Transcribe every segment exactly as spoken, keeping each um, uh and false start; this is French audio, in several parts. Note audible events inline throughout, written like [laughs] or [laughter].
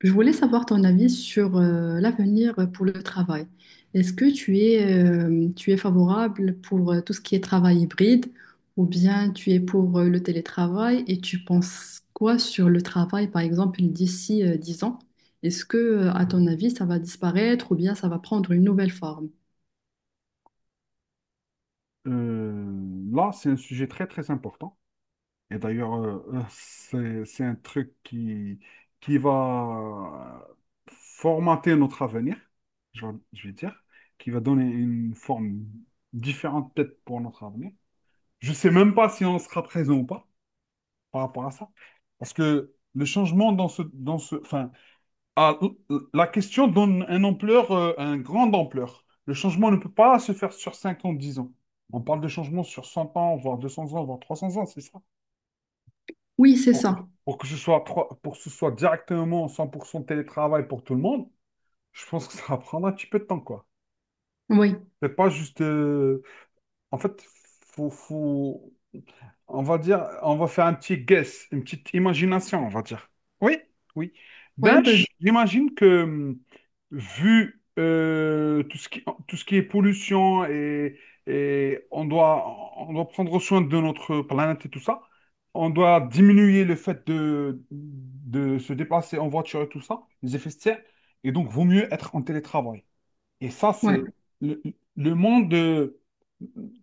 Je voulais savoir ton avis sur euh, l'avenir pour le travail. Est-ce que tu es, euh, tu es favorable pour euh, tout ce qui est travail hybride ou bien tu es pour euh, le télétravail, et tu penses quoi sur le travail, par exemple, d'ici euh, dix ans? Est-ce que, euh, à ton avis, ça va disparaître ou bien ça va prendre une nouvelle forme? Euh, là, c'est un sujet très, très important. Et d'ailleurs, euh, euh, c'est, c'est un truc qui, qui va formater notre avenir, je, vais je vais dire, qui va donner une forme différente peut-être pour notre avenir. Je ne sais même pas si on sera présent ou pas par rapport à ça. Parce que le changement dans ce, dans ce, enfin, ah, l- la question donne un ampleur, euh, un grande ampleur. Le changement ne peut pas se faire sur cinq ans, dix ans. On parle de changement sur cent ans, voire deux cents ans, voire trois cents ans, c'est ça. Oui, c'est Pour que, ça. pour que ce soit trois- pour que ce soit directement cent pour cent télétravail pour tout le monde, je pense que ça va prendre un petit peu de temps, quoi. Oui. C'est pas juste... euh, En fait, faut, faut- On va dire, on va faire un petit guess, une petite imagination, on va dire. Oui, oui. Oui, Ben, vas-y. j- j'imagine que, hum, vu euh, tout ce qui, tout ce qui est pollution et, et on doit, on doit prendre soin de notre planète et tout ça, on doit diminuer le fait de, de se déplacer en voiture et tout ça, les effets de serre, et donc vaut mieux être en télétravail. Et ça, Ouais. c'est le, le monde euh,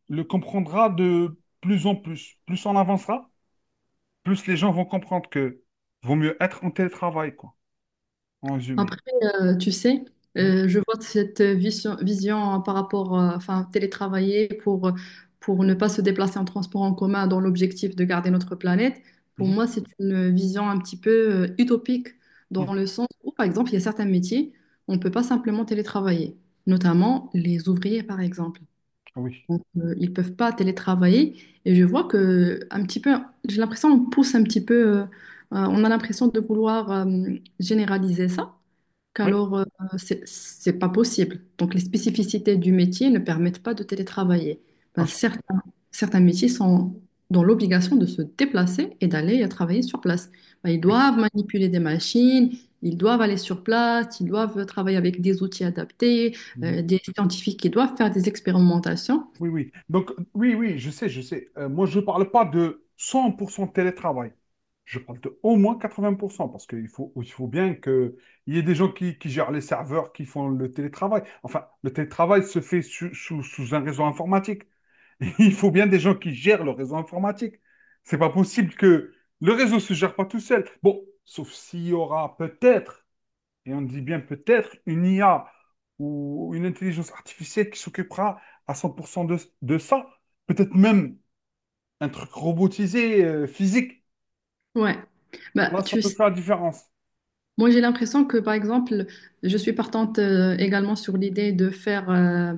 le comprendra de plus en plus. Plus on avancera, plus les gens vont comprendre que vaut mieux être en télétravail, quoi, en résumé. Après, euh, tu sais, Mhm, euh, je vois cette vision, vision par rapport, euh, enfin, télétravailler pour, pour ne pas se déplacer en transport en commun dans l'objectif de garder notre planète. Pour mhm, moi, c'est une vision un petit peu euh, utopique, mhm. dans le sens où, par exemple, il y a certains métiers, on ne peut pas simplement télétravailler, notamment les ouvriers, par exemple. Ah oui, Donc, euh, ils ne peuvent pas télétravailler, et je vois que un petit peu, j'ai l'impression qu'on pousse un petit peu, euh, euh, on a l'impression de vouloir euh, généraliser ça oui, qu'alors euh, c'est c'est pas possible. Donc les spécificités du métier ne permettent pas de télétravailler. pas Ben, sûr. certains, certains métiers sont dans l'obligation de se déplacer et d'aller travailler sur place. Ben, ils Oui. doivent manipuler des machines, ils doivent aller sur place, ils doivent travailler avec des outils adaptés, euh, Mhm. des scientifiques qui doivent faire des expérimentations. Oui, oui. Donc, oui, oui, je sais, je sais. Euh, moi, je ne parle pas de cent pour cent télétravail. Je parle de au moins quatre-vingts pour cent, parce qu'il faut, il faut bien qu'il y ait des gens qui, qui gèrent les serveurs, qui font le télétravail. Enfin, le télétravail se fait sous, sous- sous un réseau informatique. [laughs] Il faut bien des gens qui gèrent le réseau informatique. C'est pas possible que le réseau se gère pas tout seul. Bon, sauf s'il y aura peut-être et on dit bien peut-être une I A ou une intelligence artificielle qui s'occupera à cent pour cent de, de ça. Peut-être même un truc robotisé, euh, physique. Ouais. Ben, Là, ça tu peut sais, faire la différence. moi, j'ai l'impression que, par exemple, je suis partante euh, également sur l'idée de faire euh,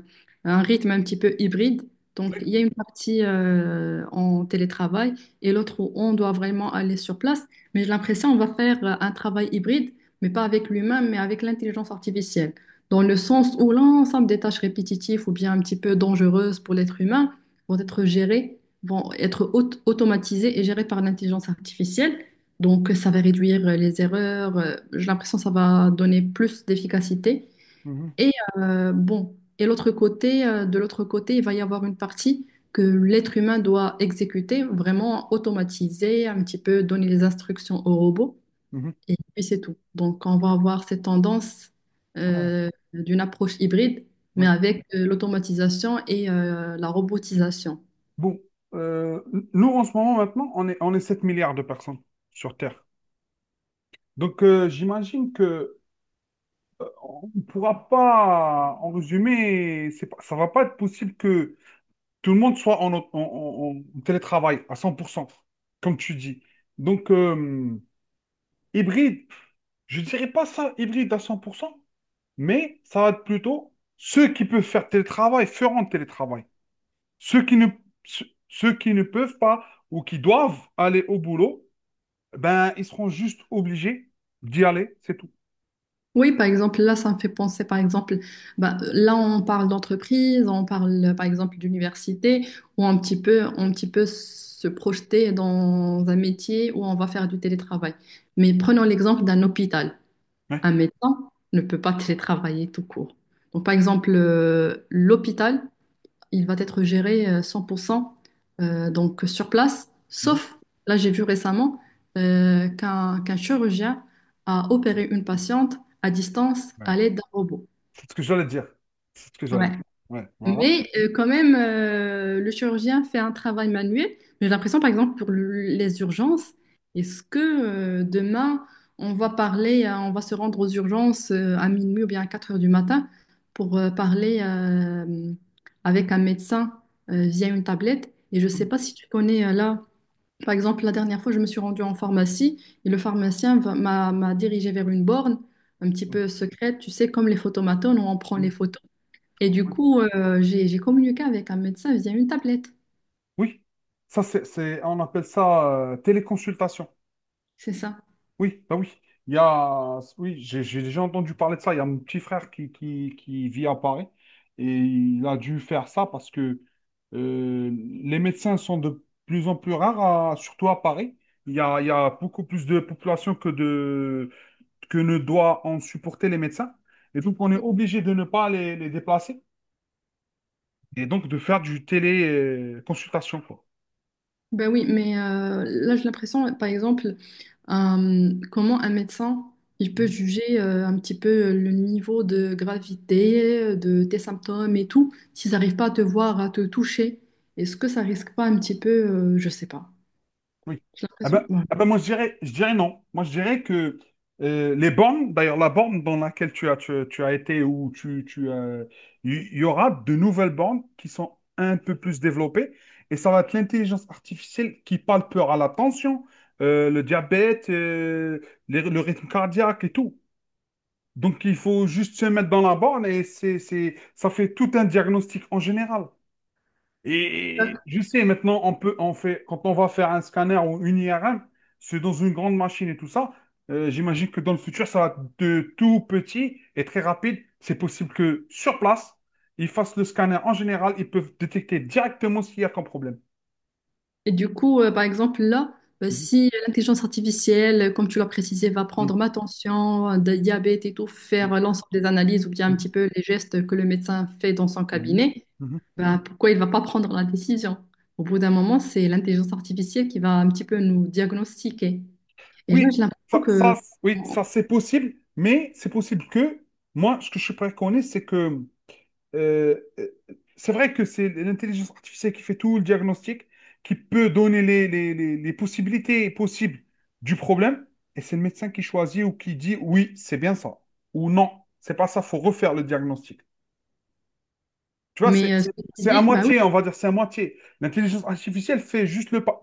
un rythme un petit peu hybride. Donc, Oui. il y a une partie euh, en télétravail et l'autre où on doit vraiment aller sur place. Mais j'ai l'impression qu'on va faire euh, un travail hybride, mais pas avec l'humain, mais avec l'intelligence artificielle. Dans le sens où l'ensemble des tâches répétitives ou bien un petit peu dangereuses pour l'être humain vont être gérées, vont être aut- automatisées et gérées par l'intelligence artificielle. Donc, ça va réduire euh, les erreurs. euh, J'ai l'impression que ça va donner plus d'efficacité. Mhm, Et euh, bon, et l'autre côté, euh, de l'autre côté, il va y avoir une partie que l'être humain doit exécuter, vraiment automatiser, un petit peu donner les instructions au robot. mhm. Et puis c'est tout. Donc, on va avoir cette tendance Ouais. euh, d'une approche hybride, mais Ouais. avec euh, l'automatisation et euh, la robotisation. Bon, euh, nous en ce moment maintenant, on est, on est sept milliards de personnes sur Terre. Donc euh, j'imagine que euh, on ne pourra pas, en résumé, c'est pas- ça ne va pas être possible que tout le monde soit en, en- en- en télétravail à cent pour cent, comme tu dis. Donc, euh, hybride, je dirais pas ça hybride à cent pour cent, mais ça va être plutôt ceux qui peuvent faire télétravail feront télétravail. Ceux qui ne, ceux ceux qui ne peuvent pas ou qui doivent aller au boulot, ben, ils seront juste obligés d'y aller, c'est tout. Oui, par exemple, là, ça me fait penser, par exemple, bah, là, on parle d'entreprise, on parle, par exemple, d'université, où un petit peu, un petit peu se projeter dans un métier où on va faire du télétravail. Mais prenons l'exemple d'un hôpital. Ouais. Un médecin ne peut pas télétravailler tout court. Donc, par exemple, euh, l'hôpital, il va être géré euh, cent pour cent euh, donc sur place, Mhm. sauf, là j'ai vu récemment, euh, qu'un qu'un chirurgien a opéré une patiente à distance à Ouais. l'aide d'un robot. C'est ce que j'allais dire. C'est ce que Ouais. j'allais dire. Ouais, voilà. Mais euh, quand même, euh, le chirurgien fait un travail manuel. Mais j'ai l'impression, par exemple, pour le- les urgences, est-ce que euh, demain, on va parler, euh, on va se rendre aux urgences euh, à minuit ou bien à quatre heures du matin pour euh, parler euh, avec un médecin euh, via une tablette? Et je ne sais pas si tu connais euh, là, par exemple, la dernière fois, je me suis rendue en pharmacie et le pharmacien va- m'a m'a dirigée vers une borne un petit Mhm. peu secrète, tu sais, comme les photomatones, où on prend les photos. Et du Mhm. coup, euh, j'ai, j'ai communiqué avec un médecin via une tablette. Oui, ça c'est, c'est- on appelle ça euh, téléconsultation. C'est ça. Oui, bah oui. Il y a, oui, j'ai j'ai déjà entendu parler de ça. Il y a mon petit frère qui, qui, qui vit à Paris et il a dû faire ça parce que euh, les médecins sont de plus en plus rares, à- surtout à Paris. Il y a, il y a beaucoup plus de population que de que ne doit en supporter les médecins. Et donc on est obligé de ne pas les, les déplacer et donc de faire du téléconsultation, quoi. Ben oui, mais euh, là, j'ai l'impression, par exemple, euh, comment un médecin, il peut juger euh, un petit peu le niveau de gravité de tes symptômes et tout, s'ils n'arrivent pas à te voir, à te toucher. Est-ce que ça risque pas un petit peu, euh, je sais pas. Oui. J'ai Ah ben, l'impression. Ouais. ah ben moi, je dirais, je dirais non. Moi, je dirais que euh, les bornes, d'ailleurs, la borne dans laquelle tu as, tu, tu as été ou tu, tu as- il y aura de nouvelles bornes qui sont un peu plus développées et ça va être l'intelligence artificielle qui parle peur à la tension, euh, le diabète, euh, les- le rythme cardiaque et tout. Donc, il faut juste se mettre dans la borne et c'est, c'est, ça fait tout un diagnostic en général. Et je sais, maintenant, on peut, on fait, quand on va faire un scanner ou une I R M, c'est dans une grande machine et tout ça. Euh, j'imagine que dans le futur, ça va être de tout petit et très rapide. C'est possible que sur place, ils fassent le scanner. En général, ils peuvent détecter directement s'il y a comme problème. Et du coup, euh, par exemple, là, euh, Mhm, si l'intelligence artificielle, euh, comme tu l'as précisé, va mhm, prendre ma tension, euh, de diabète et tout, faire euh, l'ensemble des analyses ou bien un petit peu les gestes que le médecin fait dans son mhm, cabinet, mhm, mhm. ben, pourquoi il ne va pas prendre la décision? Au bout d'un moment, c'est l'intelligence artificielle qui va un petit peu nous diagnostiquer. Et là, Oui, j'ai l'impression ça, que... ça, oui, ça Bon. c'est possible, mais c'est possible que moi, ce que je préconise, c'est que Euh, euh, c'est vrai que c'est l'intelligence artificielle qui fait tout le diagnostic, qui peut donner les, les- les- les possibilités possibles du problème, et c'est le médecin qui choisit ou qui dit oui, c'est bien ça, ou non, c'est pas ça, faut refaire le diagnostic. Tu vois, c'est Mais euh, ce c'est- que tu c'est à dis, bah... moitié, on va dire, c'est à moitié. L'intelligence artificielle fait juste le pas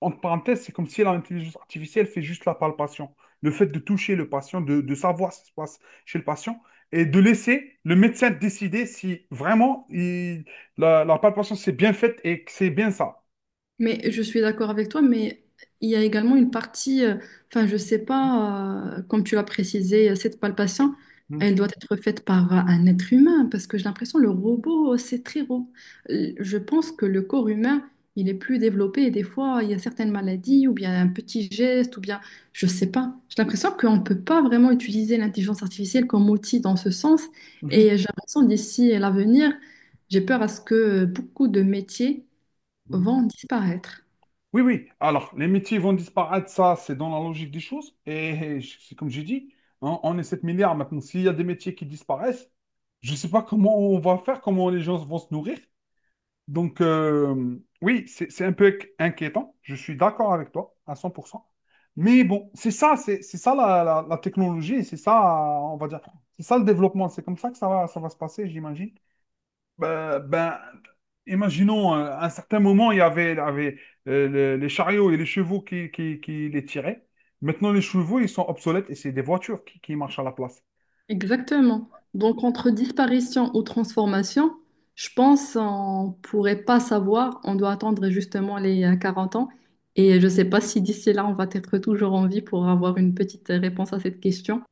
entre parenthèses, c'est comme si l'intelligence artificielle fait juste la palpation. Le fait de toucher le patient, de, de savoir ce qui se passe chez le patient et de laisser le médecin décider si vraiment il- la, la palpation s'est bien faite et que c'est bien ça. Mais je suis d'accord avec toi, mais il y a également une partie, euh, enfin, je sais pas, euh, comme tu l'as précisé, cette palpation, Mm. elle doit être faite par un être humain, parce que j'ai l'impression le robot, euh, c'est très robot. Je pense que le corps humain, il est plus développé, et des fois, il y a certaines maladies, ou bien un petit geste, ou bien, je sais pas. J'ai l'impression qu'on ne peut pas vraiment utiliser l'intelligence artificielle comme outil dans ce sens, Mhm. et j'ai l'impression d'ici à l'avenir, j'ai peur à ce que beaucoup de métiers Mhm. vont disparaître. Oui, oui. Alors, les métiers vont disparaître, ça, c'est dans la logique des choses. Et je- c'est comme j'ai dit, hein, on est sept milliards maintenant. S'il y a des métiers qui disparaissent, je ne sais pas comment on va faire, comment les gens vont se nourrir. Donc, euh, oui, c'est c'est un peu inquiétant. Je suis d'accord avec toi à cent pour cent. Mais bon, c'est ça, c'est c'est ça la, la- la technologie, c'est ça, on va dire, c'est ça le développement. C'est comme ça que ça va, ça va se passer, j'imagine. Ben, ben, imaginons, euh, à un certain moment, il y avait, il y avait, euh, le- les chariots et les chevaux qui, qui, qui les tiraient. Maintenant, les chevaux, ils sont obsolètes et c'est des voitures qui, qui marchent à la place. Exactement. Donc, entre disparition ou transformation, je pense qu'on pourrait pas savoir. On doit attendre justement les euh, quarante ans. Et je ne sais pas si d'ici là, on va être toujours en vie pour avoir une petite réponse à cette question.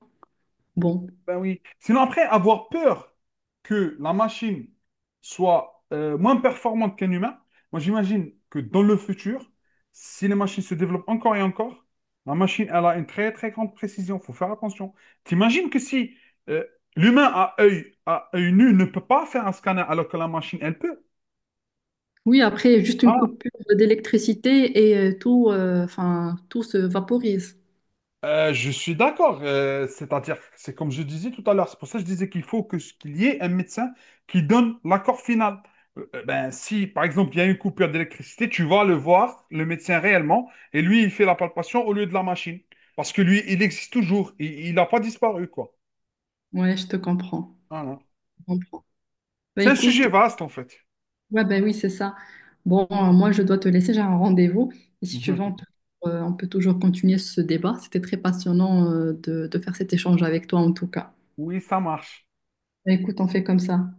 Bon. Ben oui. Sinon, après, avoir peur que la machine soit euh, moins performante qu'un humain, moi j'imagine que dans le futur, si les machines se développent encore et encore, la machine, elle a une très très grande précision. Il faut faire attention. T'imagines que si euh, l'humain à œil, à œil nu ne peut pas faire un scanner alors que la machine, elle peut. Oui, après, juste une Ah coupure d'électricité et euh, tout, euh, enfin, tout se vaporise. Euh, je suis d'accord. Euh, c'est-à-dire, c'est comme je disais tout à l'heure, c'est pour ça que je disais qu'il faut que, ce qu'il y ait un médecin qui donne l'accord final. Euh, euh, ben, si, par exemple, il y a une coupure d'électricité, tu vas le voir, le médecin réellement, et lui, il fait la palpation au lieu de la machine. Parce que lui, il existe toujours. Il il n'a pas disparu, quoi. Ouais, je te comprends. Voilà. Je comprends. Bah, C'est un écoute. sujet vaste, en fait. Ouais, ben oui, c'est ça. Bon, euh, moi, je dois te laisser, j'ai un rendez-vous. Et si tu veux, on peut, [laughs] euh, on peut toujours continuer ce débat. C'était très passionnant, euh, de, de faire cet échange avec toi, en tout cas. Oui, ça marche. Ben, écoute, on fait comme ça.